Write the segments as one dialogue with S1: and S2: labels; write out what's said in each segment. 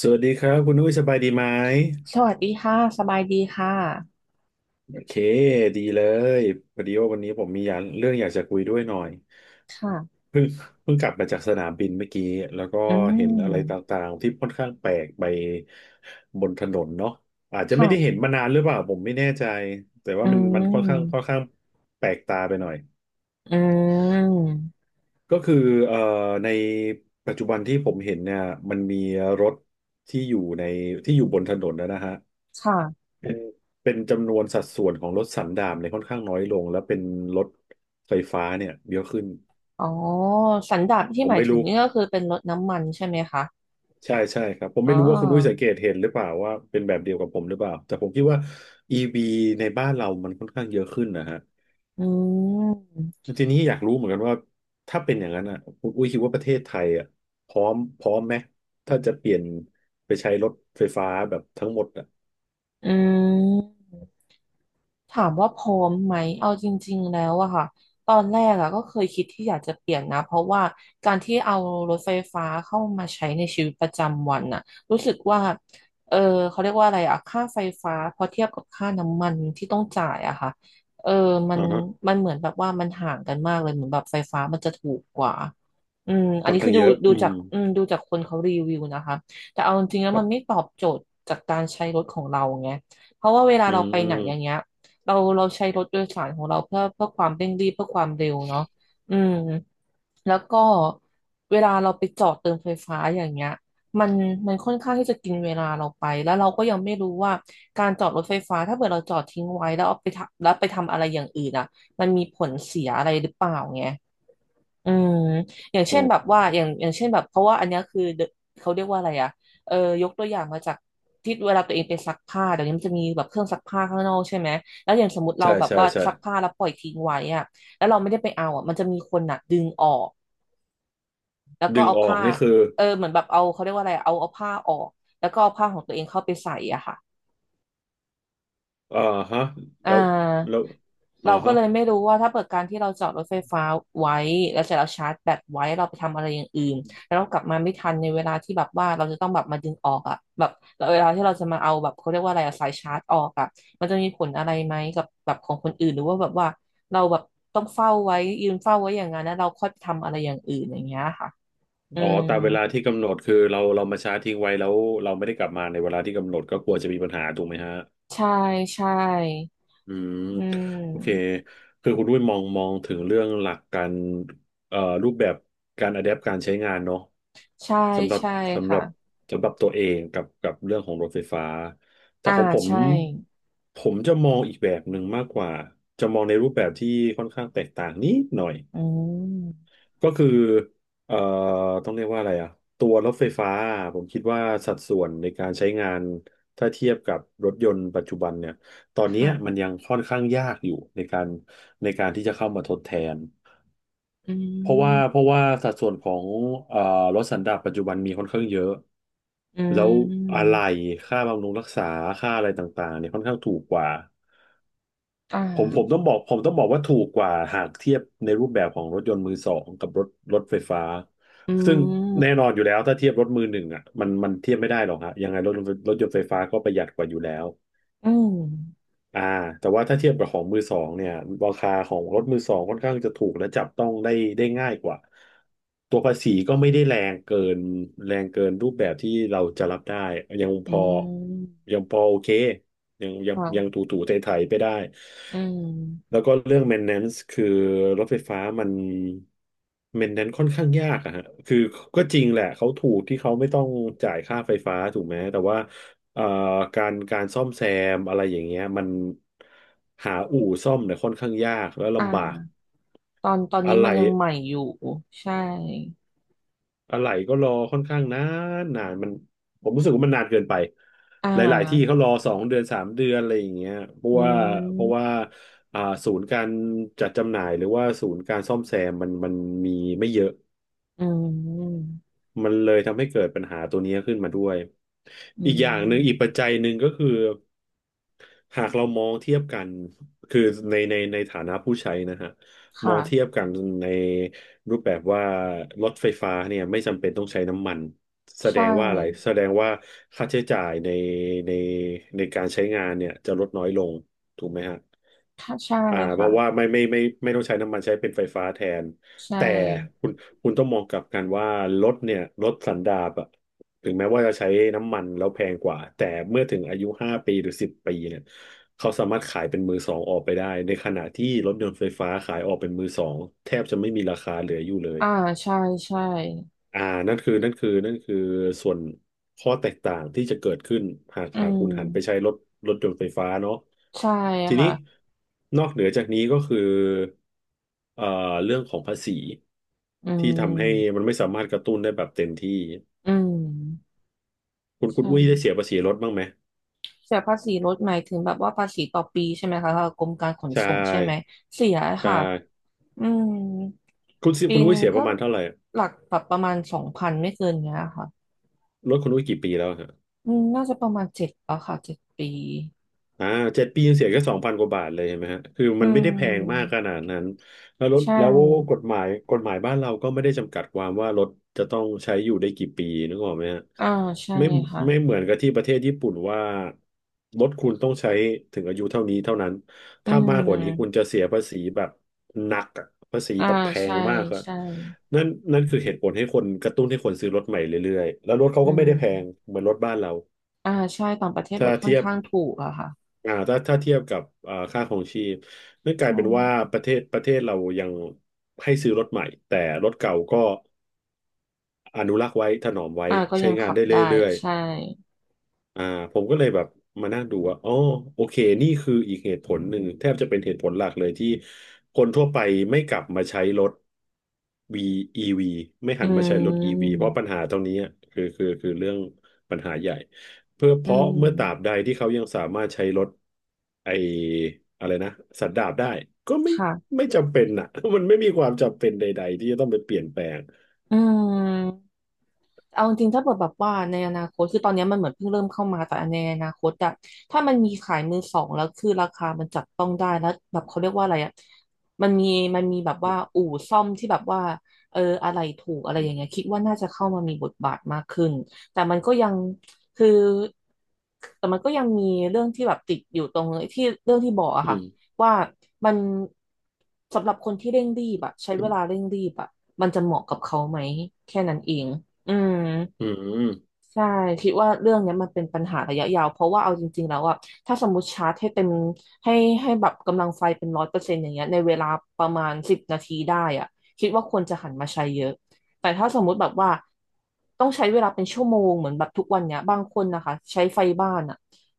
S1: สวัสดีครับคุณอุ้ยสบายดีไหม
S2: สวัสดีค่ะ สบายดีค่ะ
S1: โอเคดีเลยพอดีว่าวันนี้ผมมีอยากเรื่องอยากจะคุยด้วยหน่อย
S2: ค่ะ
S1: เพิ่งกลับมาจากสนามบินเมื่อกี้แล้วก็
S2: อื
S1: เห็นอะไรต
S2: ม
S1: ่างๆที่ค่อนข้างแปลกไปบนถนนเนาะอาจจะไม่ได้เห็น
S2: ค่ะ
S1: มานานหรือเปล่าผมไม่แน่ใจแต่
S2: อื
S1: ว่ามันค่อนข้าง
S2: ม
S1: แปลกตาไปหน่อย
S2: อืม
S1: ก็คือเอ่อในปัจจุบันที่ผมเห็นเนี่ยมันมีรถที่อยู่ในที่อยู่บนถนนนะฮะ
S2: ค่ะ
S1: เป็นเป็นจำนวนสัดส่วนของรถสันดาปเนี่ยค่อนข้างน้อยลงแล้วเป็นรถไฟฟ้าเนี่ยเยอะขึ้น
S2: อ๋อ สันดาปที่
S1: ผ
S2: ห
S1: ม
S2: มาย
S1: ไม่
S2: ถึง
S1: รู้
S2: นี่ก็คือเป็นรถน้ำมันใช่ไหมคะ
S1: ใช่ครับผม
S2: อ๋อ
S1: ไม่รู้ว่าคุณอุ้ยสังเกตเห็นหรือเปล่าว่าเป็นแบบเดียวกับผมหรือเปล่าแต่ผมคิดว่า EV ในบ้านเรามันค่อนข้างเยอะขึ้นนะฮะ
S2: อืม
S1: ทีนี้อยากรู้เหมือนกันว่าถ้าเป็นอย่างนั้นอ่ะคุณอุ้ยคิดว่าประเทศไทยอ่ะพร้อมไหมถ้าจะเปลี่ยนไปใช้รถไฟฟ้าแบบทั้งหมดอ่ะ
S2: อืม ถามว่าพร้อมไหมเอาจริงๆแล้วอะค่ะตอนแรกอะก็เคยคิดที่อยากจะเปลี่ยนนะเพราะว่าการที่เอารถไฟฟ้าเข้ามาใช้ในชีวิตประจำวันอะรู้สึกว่าเออเขาเรียกว่าอะไรอะค่าไฟฟ้าพอเทียบกับค่าน้ำมันที่ต้องจ่ายอะค่ะเออมัน
S1: อ่าฮะ
S2: มันเหมือนแบบว่ามันห่างกันมากเลยเหมือนแบบไฟฟ้ามันจะถูกกว่าอืมอัน
S1: ค่อน
S2: นี้คื
S1: ข้า
S2: อ
S1: ง
S2: ดู
S1: เยอะ
S2: ดู
S1: อื
S2: จาก
S1: ม
S2: อืมดูจากคนเขารีวิวนะคะแต่เอาจริงๆแล้ว
S1: ครั
S2: มั
S1: บ
S2: นไม่ตอบโจทย์จากการใช้รถของเราไงเพราะว่าเวลา
S1: อื
S2: เราไปไหนอย่าง
S1: ม
S2: เงี้ย เราใช้รถโดยสารของเราเพื่อความเร่งรีบเพื่อความเร็วเนาะอืมแล้วก็เวลาเราไปจอดเติมไฟฟ้าอย่างเงี้ยมันมันค่อนข้างที่จะกินเวลาเราไปแล้วเราก็ยังไม่รู้ว่าการจอดรถไฟฟ้าถ้าเกิดเราจอดทิ้งไว้แล้วเอาไปทำแล้วไปทำอะไรอย่างอื่นอ่ะมันมีผลเสียอะไรหรือเปล่าไง อืมอย่าง
S1: อื
S2: เช่นแบบ
S1: ม
S2: ว่าอย่างเช่นแบบเพราะว่าอันเนี้ยคือเดอะเขาเรียกว่าอะไรอะเออยกตัวอย่างมาจากที่เวลาตัวเองไปซักผ้าเดี๋ยวนี้มันจะมีแบบเครื่องซักผ้าข้างนอกใช่ไหมแล้วอย่างสมมติเรา
S1: ใช่
S2: แบบ
S1: ใช่
S2: ว่า
S1: ใช่
S2: ซักผ้าแล้วปล่อยทิ้งไว้อะแล้วเราไม่ได้ไปเอาอะมันจะมีคนน่ะดึงออกแล้วก็
S1: ดึง
S2: เอา
S1: ออก
S2: ผ้า
S1: นี่คือ
S2: เออเหมือนแบบเอาเขาเรียกว่าอะไรเอาผ้าออกแล้วก็เอาผ้าของตัวเองเข้าไปใส่อะค่ะ
S1: อ่าฮะ
S2: อ่
S1: แล้วแล้
S2: า
S1: วอ่า
S2: เราก็
S1: ฮะ
S2: เลยไม่รู้ว่าถ้าเปิดการที่เราจอดรถไฟฟ้าไว้แล้วเสร็จเราชาร์จแบตไว้เราไปทำอะไรอย่างอื่นแล้วเรากลับมาไม่ทันในเวลาที่แบบว่าเราจะต้องแบบมาดึงออกอะแบบเวลาที่เราจะมาเอาแบบเขาเรียกว่าอะไรอะสายชาร์จออกอะมันจะมีผลอะไรไหมกับแบบของคนอื่นหรือว่าแบบว่าเราแบบต้องเฝ้าไว้ยืนเฝ้าไว้อย่างนั้นแล้วเราค่อยไปทำอะไรอย่างอื่นอย่างเงี้ยค่ะอื
S1: อ๋อ
S2: ม
S1: ตามเวลาที่กำหนดคือเรามาชาร์จทิ้งไว้แล้วเราไม่ได้กลับมาในเวลาที่กำหนดก็กลัวจะมีปัญหาถูกไหมฮะ
S2: ใช่ใช่
S1: อืม
S2: อื
S1: โอเค
S2: ม
S1: คือคุณด้วยมองถึงเรื่องหลักการรูปแบบการอะแดปการใช้งานเนาะ
S2: ใช่
S1: สำหรับ
S2: ใช่
S1: สำห
S2: ค่ะ
S1: รับตัวเองกับเรื่องของรถไฟฟ้าแต่
S2: อ่า
S1: ของผม
S2: ใช่
S1: ผมจะมองอีกแบบหนึ่งมากกว่าจะมองในรูปแบบที่ค่อนข้างแตกต่างนิดหน่อย
S2: อืม
S1: ก็คือเอ่อต้องเรียกว่าอะไรอ่ะตัวรถไฟฟ้าผมคิดว่าสัดส่วนในการใช้งานถ้าเทียบกับรถยนต์ปัจจุบันเนี่ยตอนเนี้ยมัน
S2: ค่ะ
S1: ยังค่อนข้างยากอยู่ในการที่จะเข้ามาทดแทน
S2: อื
S1: เพราะว่าเพ
S2: ม
S1: ราะว่าสัดส่วนของเอ่อรถสันดาปปัจจุบันมีค่อนข้างเยอะ
S2: อื
S1: แล้วอะไห
S2: ม
S1: ล่ค่าบำรุงรักษา ค่าอะไรต่างๆเนี่ยค่อนข้างถูกกว่า
S2: อ่
S1: ผมต้
S2: า
S1: องบอกว่าถูกกว่าหากเทียบในรูปแบบของรถยนต์มือสองกับรถรถไฟฟ้า
S2: อื
S1: ซึ่งแน่
S2: ม
S1: นอนอยู่แล้วถ้าเทียบรถมือหนึ่งอ่ะมันเทียบไม่ได้หรอกฮะยังไงรถรถยนต์ไฟฟ้าก็ประหยัดกว่าอยู่แล้ว
S2: อืม
S1: อ่าแต่ว่าถ้าเทียบกับของมือสองเนี่ยราคาของรถมือสองค่อนข้างจะถูกและจับต้องได้ได้ง่ายกว่าตัวภาษีก็ไม่ได้แรงเกินรูปแบบที่เราจะรับได้ยังพ
S2: อื
S1: อ
S2: ม
S1: โอเคยัง
S2: ค่ะ
S1: ถูไถไปได้
S2: อืม
S1: แล้วก็เรื่อง maintenance คือรถไฟฟ้ามัน maintenance ค่อนข้างยากอะฮะคือก็จริงแหละเขาถูกที่เขาไม่ต้องจ่ายค่าไฟฟ้าถูกไหมแต่ว่า เอ่อการซ่อมแซมอะไรอย่างเงี้ยมันหาอู่ซ่อมเนี่ยค่อนข้างยากแล้ว
S2: อ่
S1: ลำบาก
S2: าตอน
S1: อะ
S2: นี้
S1: ไร
S2: มันยังใหม่อยู่ใช่
S1: อะไรก็รอค่อนข้างนานมันผมรู้สึกว่ามันนานเกินไป
S2: อ่
S1: หลายๆที่เขา
S2: า
S1: รอ2 เดือน 3 เดือนอะไรอย่างเงี้ยเพราะ
S2: อื
S1: ว่าเพราะว่า
S2: ม
S1: อ่าศูนย์การจัดจำหน่ายหรือว่าศูนย์การซ่อมแซมมันมีไม่เยอะ
S2: อืม
S1: มันเลยทำให้เกิดปัญหาตัวนี้ขึ้นมาด้วย
S2: อื
S1: อีกอย่างหนึ่งอีกปั
S2: ม
S1: จจัยหนึ่งก็คือ หากเรามองเทียบกันคือในฐานะผู้ใช้นะฮะมองเทียบ
S2: ค่ะ
S1: กันในรูปแบบว่ารถไฟฟ้าเนี่ยไม่จำเป็นต้องใช้น้ำมันแสด
S2: ใช่
S1: งว่าอะไรแสดงว่าค่าใช้จ่ายในในการใช้งานเนี่ยจะลดน้อยลงถูกไหมฮะ
S2: ค่ะใช่
S1: อ่าเพ
S2: ค่ะ
S1: ราะว่าไม่ต้องใช้น้ำมันใช้เป็นไฟฟ้าแทน
S2: ใช่
S1: แต่คุณต้องมองกลับกันว่ารถเนี่ยรถสันดาปอะ ถึงแม้ว่าจะใช้น้ำมันแล้วแพงกว่าแต่เมื่อถึงอายุ5 ปีหรือ 10 ปีเนี่ยเขาสามารถขายเป็นมือสองออกไปได้ในขณะที่รถยนต์ไฟฟ้าขายออกเป็นมือสองแทบจะไม่มีราคาเหลืออยู่เลย
S2: อ่าใช่ใช่
S1: อ่านั่นคือส่วนข้อแตกต่างที่จะเกิดขึ้นหาก
S2: อื
S1: คุณหันไปใช้
S2: ม
S1: รถรถยนต์ไฟฟ้าเนาะ
S2: ใช่
S1: ทีนี้
S2: ค่ะ
S1: นอกเหนือจากนี้ก็คือเอ่อเรื่องของภาษี
S2: อื
S1: ที่ทำให้
S2: ม
S1: มันไม่สามารถกระตุ้นได้แบบเต็มที่
S2: อืม
S1: คุณ
S2: ใช่
S1: อุ้ยได้เสียภาษีรถบ้างไหม
S2: เสียภาษีรถหมายถึงแบบว่าภาษีต่อปีใช่ไหมคะทางกรมการขน
S1: ใช่
S2: ส่งใช่ไหมเสีย
S1: ใช่
S2: ค่ะอืม
S1: คุณซิ
S2: ปี
S1: คุณ
S2: ห
S1: อุ้ย
S2: นึ่ง
S1: เสียป
S2: ก็
S1: ระมาณเท่าไหร่อะ
S2: หลักแบบประมาณ2,000ไม่เกินเนี้ยค่ะ
S1: รถคุณอุ้ยกี่ปีแล้วอะฮะ
S2: อืมน่าจะประมาณเจ็ดป่ะค่ะ7 ปี
S1: อ่าเจ็ดปียังเสียแค่สองพันกว่าบาทเลยเห็นไหมฮะคือ
S2: อื
S1: มันไม่ได้แพงมากข
S2: ม
S1: นาดนั้นแล้วรถ
S2: ใช
S1: แล้วก
S2: ่
S1: ฎหมายกฎหมายบ้านเราก็ไม่ได้จำกัดความว่ารถจะต้องใช้อยู่ได้กี่ปีนึกออกไหมฮะ
S2: อ่าใช่
S1: ไม่
S2: ค่ะ
S1: ไม่เหมือนกับที่ประเทศญี่ปุ่นว่ารถคุณต้องใช้ถึงอายุเท่านี้เท่านั้น
S2: อื
S1: ถ้ามากกว่านี้คุณ
S2: ม
S1: จะเสียภาษีแบบหนักอะภาษี
S2: อ่า
S1: แบบแพ
S2: ใช่
S1: งมากครับ
S2: ใช่
S1: นั่นนั่นคือเหตุผลให้คนกระตุ้นให้คนซื้อรถใหม่เรื่อยๆแล้วรถเขา
S2: อื
S1: ก็ไม่ได้แพง
S2: ม
S1: เหมือนรถบ้านเรา
S2: อ่าใช่ต่างประเทศร
S1: ถ้า
S2: ถค่อน
S1: เทียบ
S2: ข้างถูกอะค่ะ
S1: ถ้าเทียบกับค่าครองชีพนั่นกลาย
S2: ใช่
S1: เป็นว่าประเทศเรายังให้ซื้อรถใหม่แต่รถเก่าก็อนุรักษ์ไว้ถนอมไว้
S2: อ่าก็
S1: ใช้
S2: ยัง
S1: งาน
S2: ขับ
S1: ได้
S2: ได้
S1: เรื่อย
S2: ใช่
S1: อ่าผมก็เลยแบบมานั่งดูว่าอ๋อโอเคนี่คืออีกเหตุผลหนึ่งแทบจะเป็นเหตุผลหลักเลยที่คนทั่วไปไม่กลับมาใช้รถ V EV ไม่หั
S2: อื
S1: นมาใช้รถ EV
S2: ม
S1: เพราะปัญหาตรงนี้อะคือเรื่องปัญหาใหญ่เพื่อเพ
S2: อื
S1: ราะเมื่อตราบใด
S2: ม
S1: ที่เขายังสามารถใช้รถไออะไรนะสันดาปได้ก็ไม่
S2: ค่ะ
S1: ไม่จำเป็นอ่ะ มันไม่มีความจำเป็นใดๆที่จะต้องไปเปลี่ยนแปลง
S2: อืมเอาจริงๆถ้าเกิดแบบว่าในอนาคตคือตอนเนี้ยมันเหมือนเพิ่งเริ่มเข้ามาแต่ในอนาคตอะถ้ามันมีขายมือสองแล้วคือราคามันจับต้องได้แล้วแบบเขาเรียกว่าอะไรอะมันมีมันมีแบบว่าอู่ซ่อมที่แบบว่าเอออะไรถูกอะไร
S1: อื
S2: อย่างเงี้ย
S1: ม
S2: คิดว่าน่าจะเข้ามามีบทบาทมากขึ้นแต่มันก็ยังคือแต่มันก็ยังมีเรื่องที่แบบติดอยู่ตรงที่เรื่องที่บอกอะ
S1: อื
S2: ค่ะ
S1: ม
S2: ว่ามันสำหรับคนที่เร่งรีบอะใช้
S1: อื
S2: เวลา
S1: ม
S2: เร่งรีบอะมันจะเหมาะกับเขาไหมแค่นั้นเองอืม
S1: อืม
S2: ใช่คิดว่าเรื่องเนี้ยมันเป็นปัญหาระยะยาวเพราะว่าเอาจริงๆแล้วอะถ้าสมมติชาร์จให้เต็มให้ให้แบบกำลังไฟเป็น100%อย่างเงี้ยในเวลาประมาณ10 นาทีได้อะคิดว่าควรจะหันมาใช้เยอะแต่ถ้าสมมุติแบบว่าต้องใช้เวลาเป็นชั่วโมงเหมือนแบบทุกวันเนี้ยบางคนนะคะใช้ไฟบ้านอะ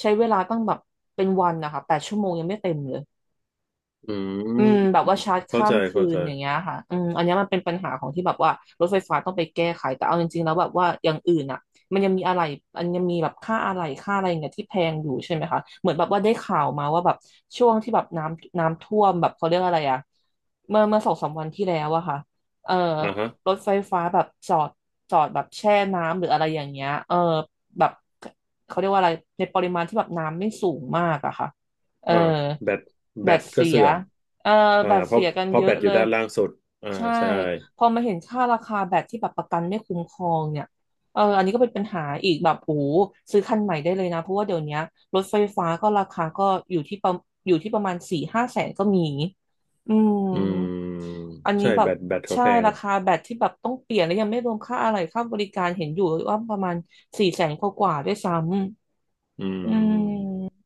S2: ใช้เวลาตั้งแบบเป็นวันนะคะ8 ชั่วโมงยังไม่เต็มเลย
S1: อืม
S2: อืมแบบว่าชาร์จ
S1: เข้า
S2: ข้า
S1: ใจ
S2: มคื
S1: เข้า
S2: น
S1: ใจ
S2: อย่างเงี้ยค่ะอืมอันเนี้ยมันเป็นปัญหาของที่แบบว่ารถไฟฟ้าต้องไปแก้ไขแต่เอาจริงๆแล้วแบบว่าอย่างอื่นอ่ะมันยังมีอะไรอันยังมีแบบค่าอะไรค่าอะไรอย่างเงี้ยที่แพงอยู่ใช่ไหมคะเหมือนแบบว่าได้ข่าวมาว่าแบบช่วงที่แบบน้ำท่วมแบบเขาเรียกอะไรอ่ะเมื่อสองสามวันที่แล้วอะค่ะเออ
S1: อ่าฮะ
S2: รถไฟฟ้าแบบจอดแบบแช่น้ำหรืออะไรอย่างเงี้ยเออแบบเขาเรียกว่าอะไรในปริมาณที่แบบน้ำไม่สูงมากอะค่ะเออ
S1: อ่าแบต
S2: แบ
S1: แบต
S2: ต
S1: ก็
S2: เสีย
S1: เสื่อม
S2: เอ่อ
S1: อ่า
S2: บัตร
S1: เพราะ
S2: เสียกัน
S1: เพราะ
S2: เย
S1: แบ
S2: อะ
S1: ตอ
S2: เล
S1: ยู่
S2: ย
S1: ด้านล่างสุดอ่า
S2: ใช่
S1: ใช่
S2: พอมาเห็นค่าราคาแบบที่แบบประกันไม่คุ้มครองเนี่ยเอออันนี้ก็เป็นปัญหาอีกแบบโอ้โหซื้อคันใหม่ได้เลยนะเพราะว่าเดี๋ยวเนี้ยรถไฟฟ้าก็ราคาก็อยู่ที่ประอยู่ที่ประมาณสี่ห้าแสนก็มีอืม
S1: อืม
S2: อันนี้
S1: ใช่
S2: แบ
S1: แบ
S2: บ
S1: ตแบตเขา
S2: ใช่
S1: แพง
S2: ราคาแบตที่แบบต้องเปลี่ยนแล้วยังไม่รวมค่าอะไรค่าบริการเห็นอยู่ว่าประมาณสี่แสนกว่าๆด้วยซ้
S1: อื
S2: ำอื
S1: ม
S2: ม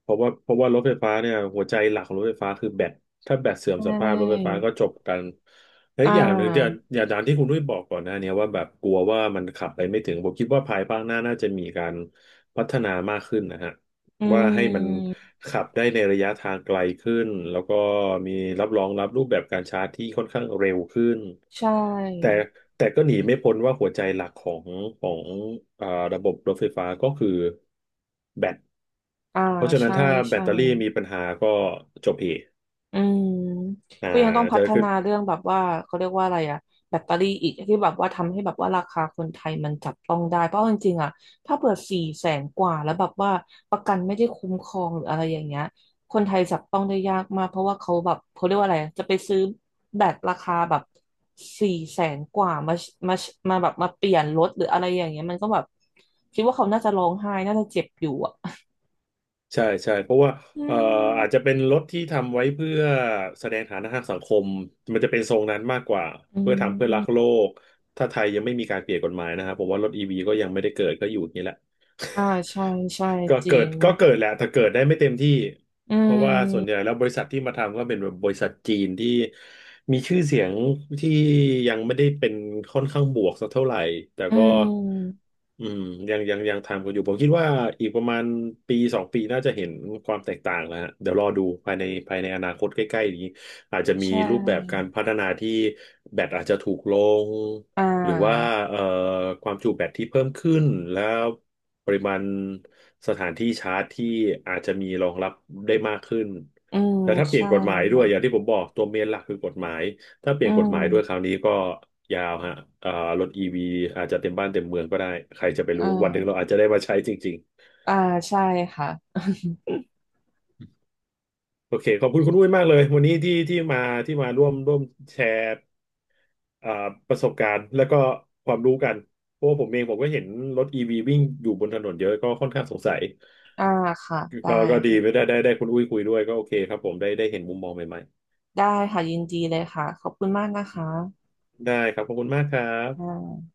S1: เพราะว่ารถไฟฟ้าเนี่ยหัวใจหลักของรถไฟฟ้าคือแบตถ้าแบตเสื่อ
S2: ใช
S1: มสภาพรถไฟ
S2: ่
S1: ฟ้าก็จบกันและ
S2: อ่
S1: อีกอย่างหนึ่งที่อย่าง
S2: า
S1: อย่างตามที่คุณด้วยบอกก่อนหน้าเนี้ยว่าแบบกลัวว่ามันขับไปไม่ถึงผมคิดว่าภายภาคหน้าน่าจะมีการพัฒนามากขึ้นนะฮะ
S2: อื
S1: ว่าให้มัน
S2: ม
S1: ขับได้ในระยะทางไกลขึ้นแล้วก็มีรับรองรับรูปแบบการชาร์จที่ค่อนข้างเร็วขึ้น
S2: ใช่
S1: แต่แต่ก็หนีไม่พ้นว่าหัวใจหลักของของอ่าระบบรถไฟฟ้าก็คือแบต
S2: อ่า
S1: เพราะฉะนั้น
S2: ใช่
S1: ถ้าแบ
S2: ใช่
S1: ตเตอรี่มีปัญหาก็จบเหตุ
S2: อืม
S1: อ่า
S2: ก็ยังต้องพั
S1: จะ
S2: ฒ
S1: คือ
S2: นาเรื่องแบบว่าเขาเรียกว่าอะไรอะแบตเตอรี่อีกที่แบบว่าทำให้แบบว่าราคาคนไทยมันจับต้องได้เพราะจริงๆอะถ้าเผื่อสี่แสนกว่าแล้วแบบว่าประกันไม่ได้คุ้มครองหรืออะไรอย่างเงี้ยคนไทยจับต้องได้ยากมากเพราะว่าเขาแบบเขาเรียกว่าอะไรจะไปซื้อแบตราคาแบบสี่แสนกว่ามามาแบบมาเปลี่ยนรถหรืออะไรอย่างเงี้ยมันก็แบบคิดว่าเขาน่าจะร้องไห้น่าจะเจ็บอยู่อะ
S1: ใช่เพราะว่า
S2: อื
S1: เอ่ออาจจะ
S2: ม
S1: เป็นรถที่ทำไว้เพื่อแสดงฐานะทางสังคมมันจะเป็นทรงนั้นมากกว่า
S2: อื
S1: เพื่อทำเพื่อรักโล
S2: ม
S1: กถ้าไทยยังไม่มีการเปลี่ยนกฎหมายนะครับผมว่ารถอีวีก็ยังไม่ได้เกิดก็อยู่อย่างนี้แหละ
S2: อ่า ใช่ ใช่
S1: ก็
S2: จริ
S1: เกิด
S2: ง
S1: ก็เกิดแหละแต่เกิดได้ไม่เต็มที่
S2: อื
S1: เพราะว่าส่วนใหญ่
S2: ม
S1: แล้วบริษัทที่มาทำก็เป็นแบบบริษัทจีนที่มีชื่อเสียงที่ยังไม่ได้เป็นค่อนข้างบวกสักเท่าไหร่แต่
S2: อื
S1: ก็
S2: ม
S1: อืมยังทำกันอยู่ผมคิดว่าอีกประมาณปีสองปีน่าจะเห็นความแตกต่างแล้วฮะเดี๋ยวรอดูภายในอนาคตใกล้ๆนี้อาจจะมี
S2: ใช
S1: รูปแบบการ
S2: ่
S1: พัฒนาที่แบตอาจจะถูกลง
S2: อ่
S1: หรือว่า
S2: า
S1: เอ่อความจุแบตที่เพิ่มขึ้นแล้วปริมาณสถานที่ชาร์จที่อาจจะมีรองรับได้มากขึ้น
S2: อืม
S1: แต่ถ้าเปลี่ย
S2: ใช่
S1: นกฎหมายด้วยอย่าง
S2: ค่ะ
S1: ที่ผมบอกตัวเมนหลักคือกฎหมายถ้าเป
S2: อื
S1: ลี่ยนกฎหมายด้วยครา
S2: ม
S1: วนี้ก็ยาวฮะเอ่อรถอีวีอาจจะเต็มบ้านเต็มเมืองก็ได้ใครจะไป
S2: อ่
S1: รู้วันหนึ่งเรา
S2: า
S1: อาจจะได้มาใช้จริงๆ
S2: อ่า ใช่ค่ะ
S1: โอเคขอบคุณคุณอุ้ยมากเลยวันนี้ที่มาที่มาร่วมแชร์ อ่าประสบการณ์แล้วก็ความรู้กันเพราะว่าผมเองผมก็เห็นรถอีวีวิ่งอยู่บนถนนเยอะก็ค่อนข้างสงสัย
S2: อ่าค่ะ ได้
S1: ก็ดีไม่
S2: ค่ะ
S1: ได้ได้ได้คุณอุ้ยคุยด้วยก็โอเคครับผมได้เห็นมุมมองใหม่
S2: ได้ค่ะ ยินดีเลยค่ะ ขอบคุณมากนะคะ
S1: ๆได้ครับขอบคุณมากครั
S2: อ่
S1: บ
S2: า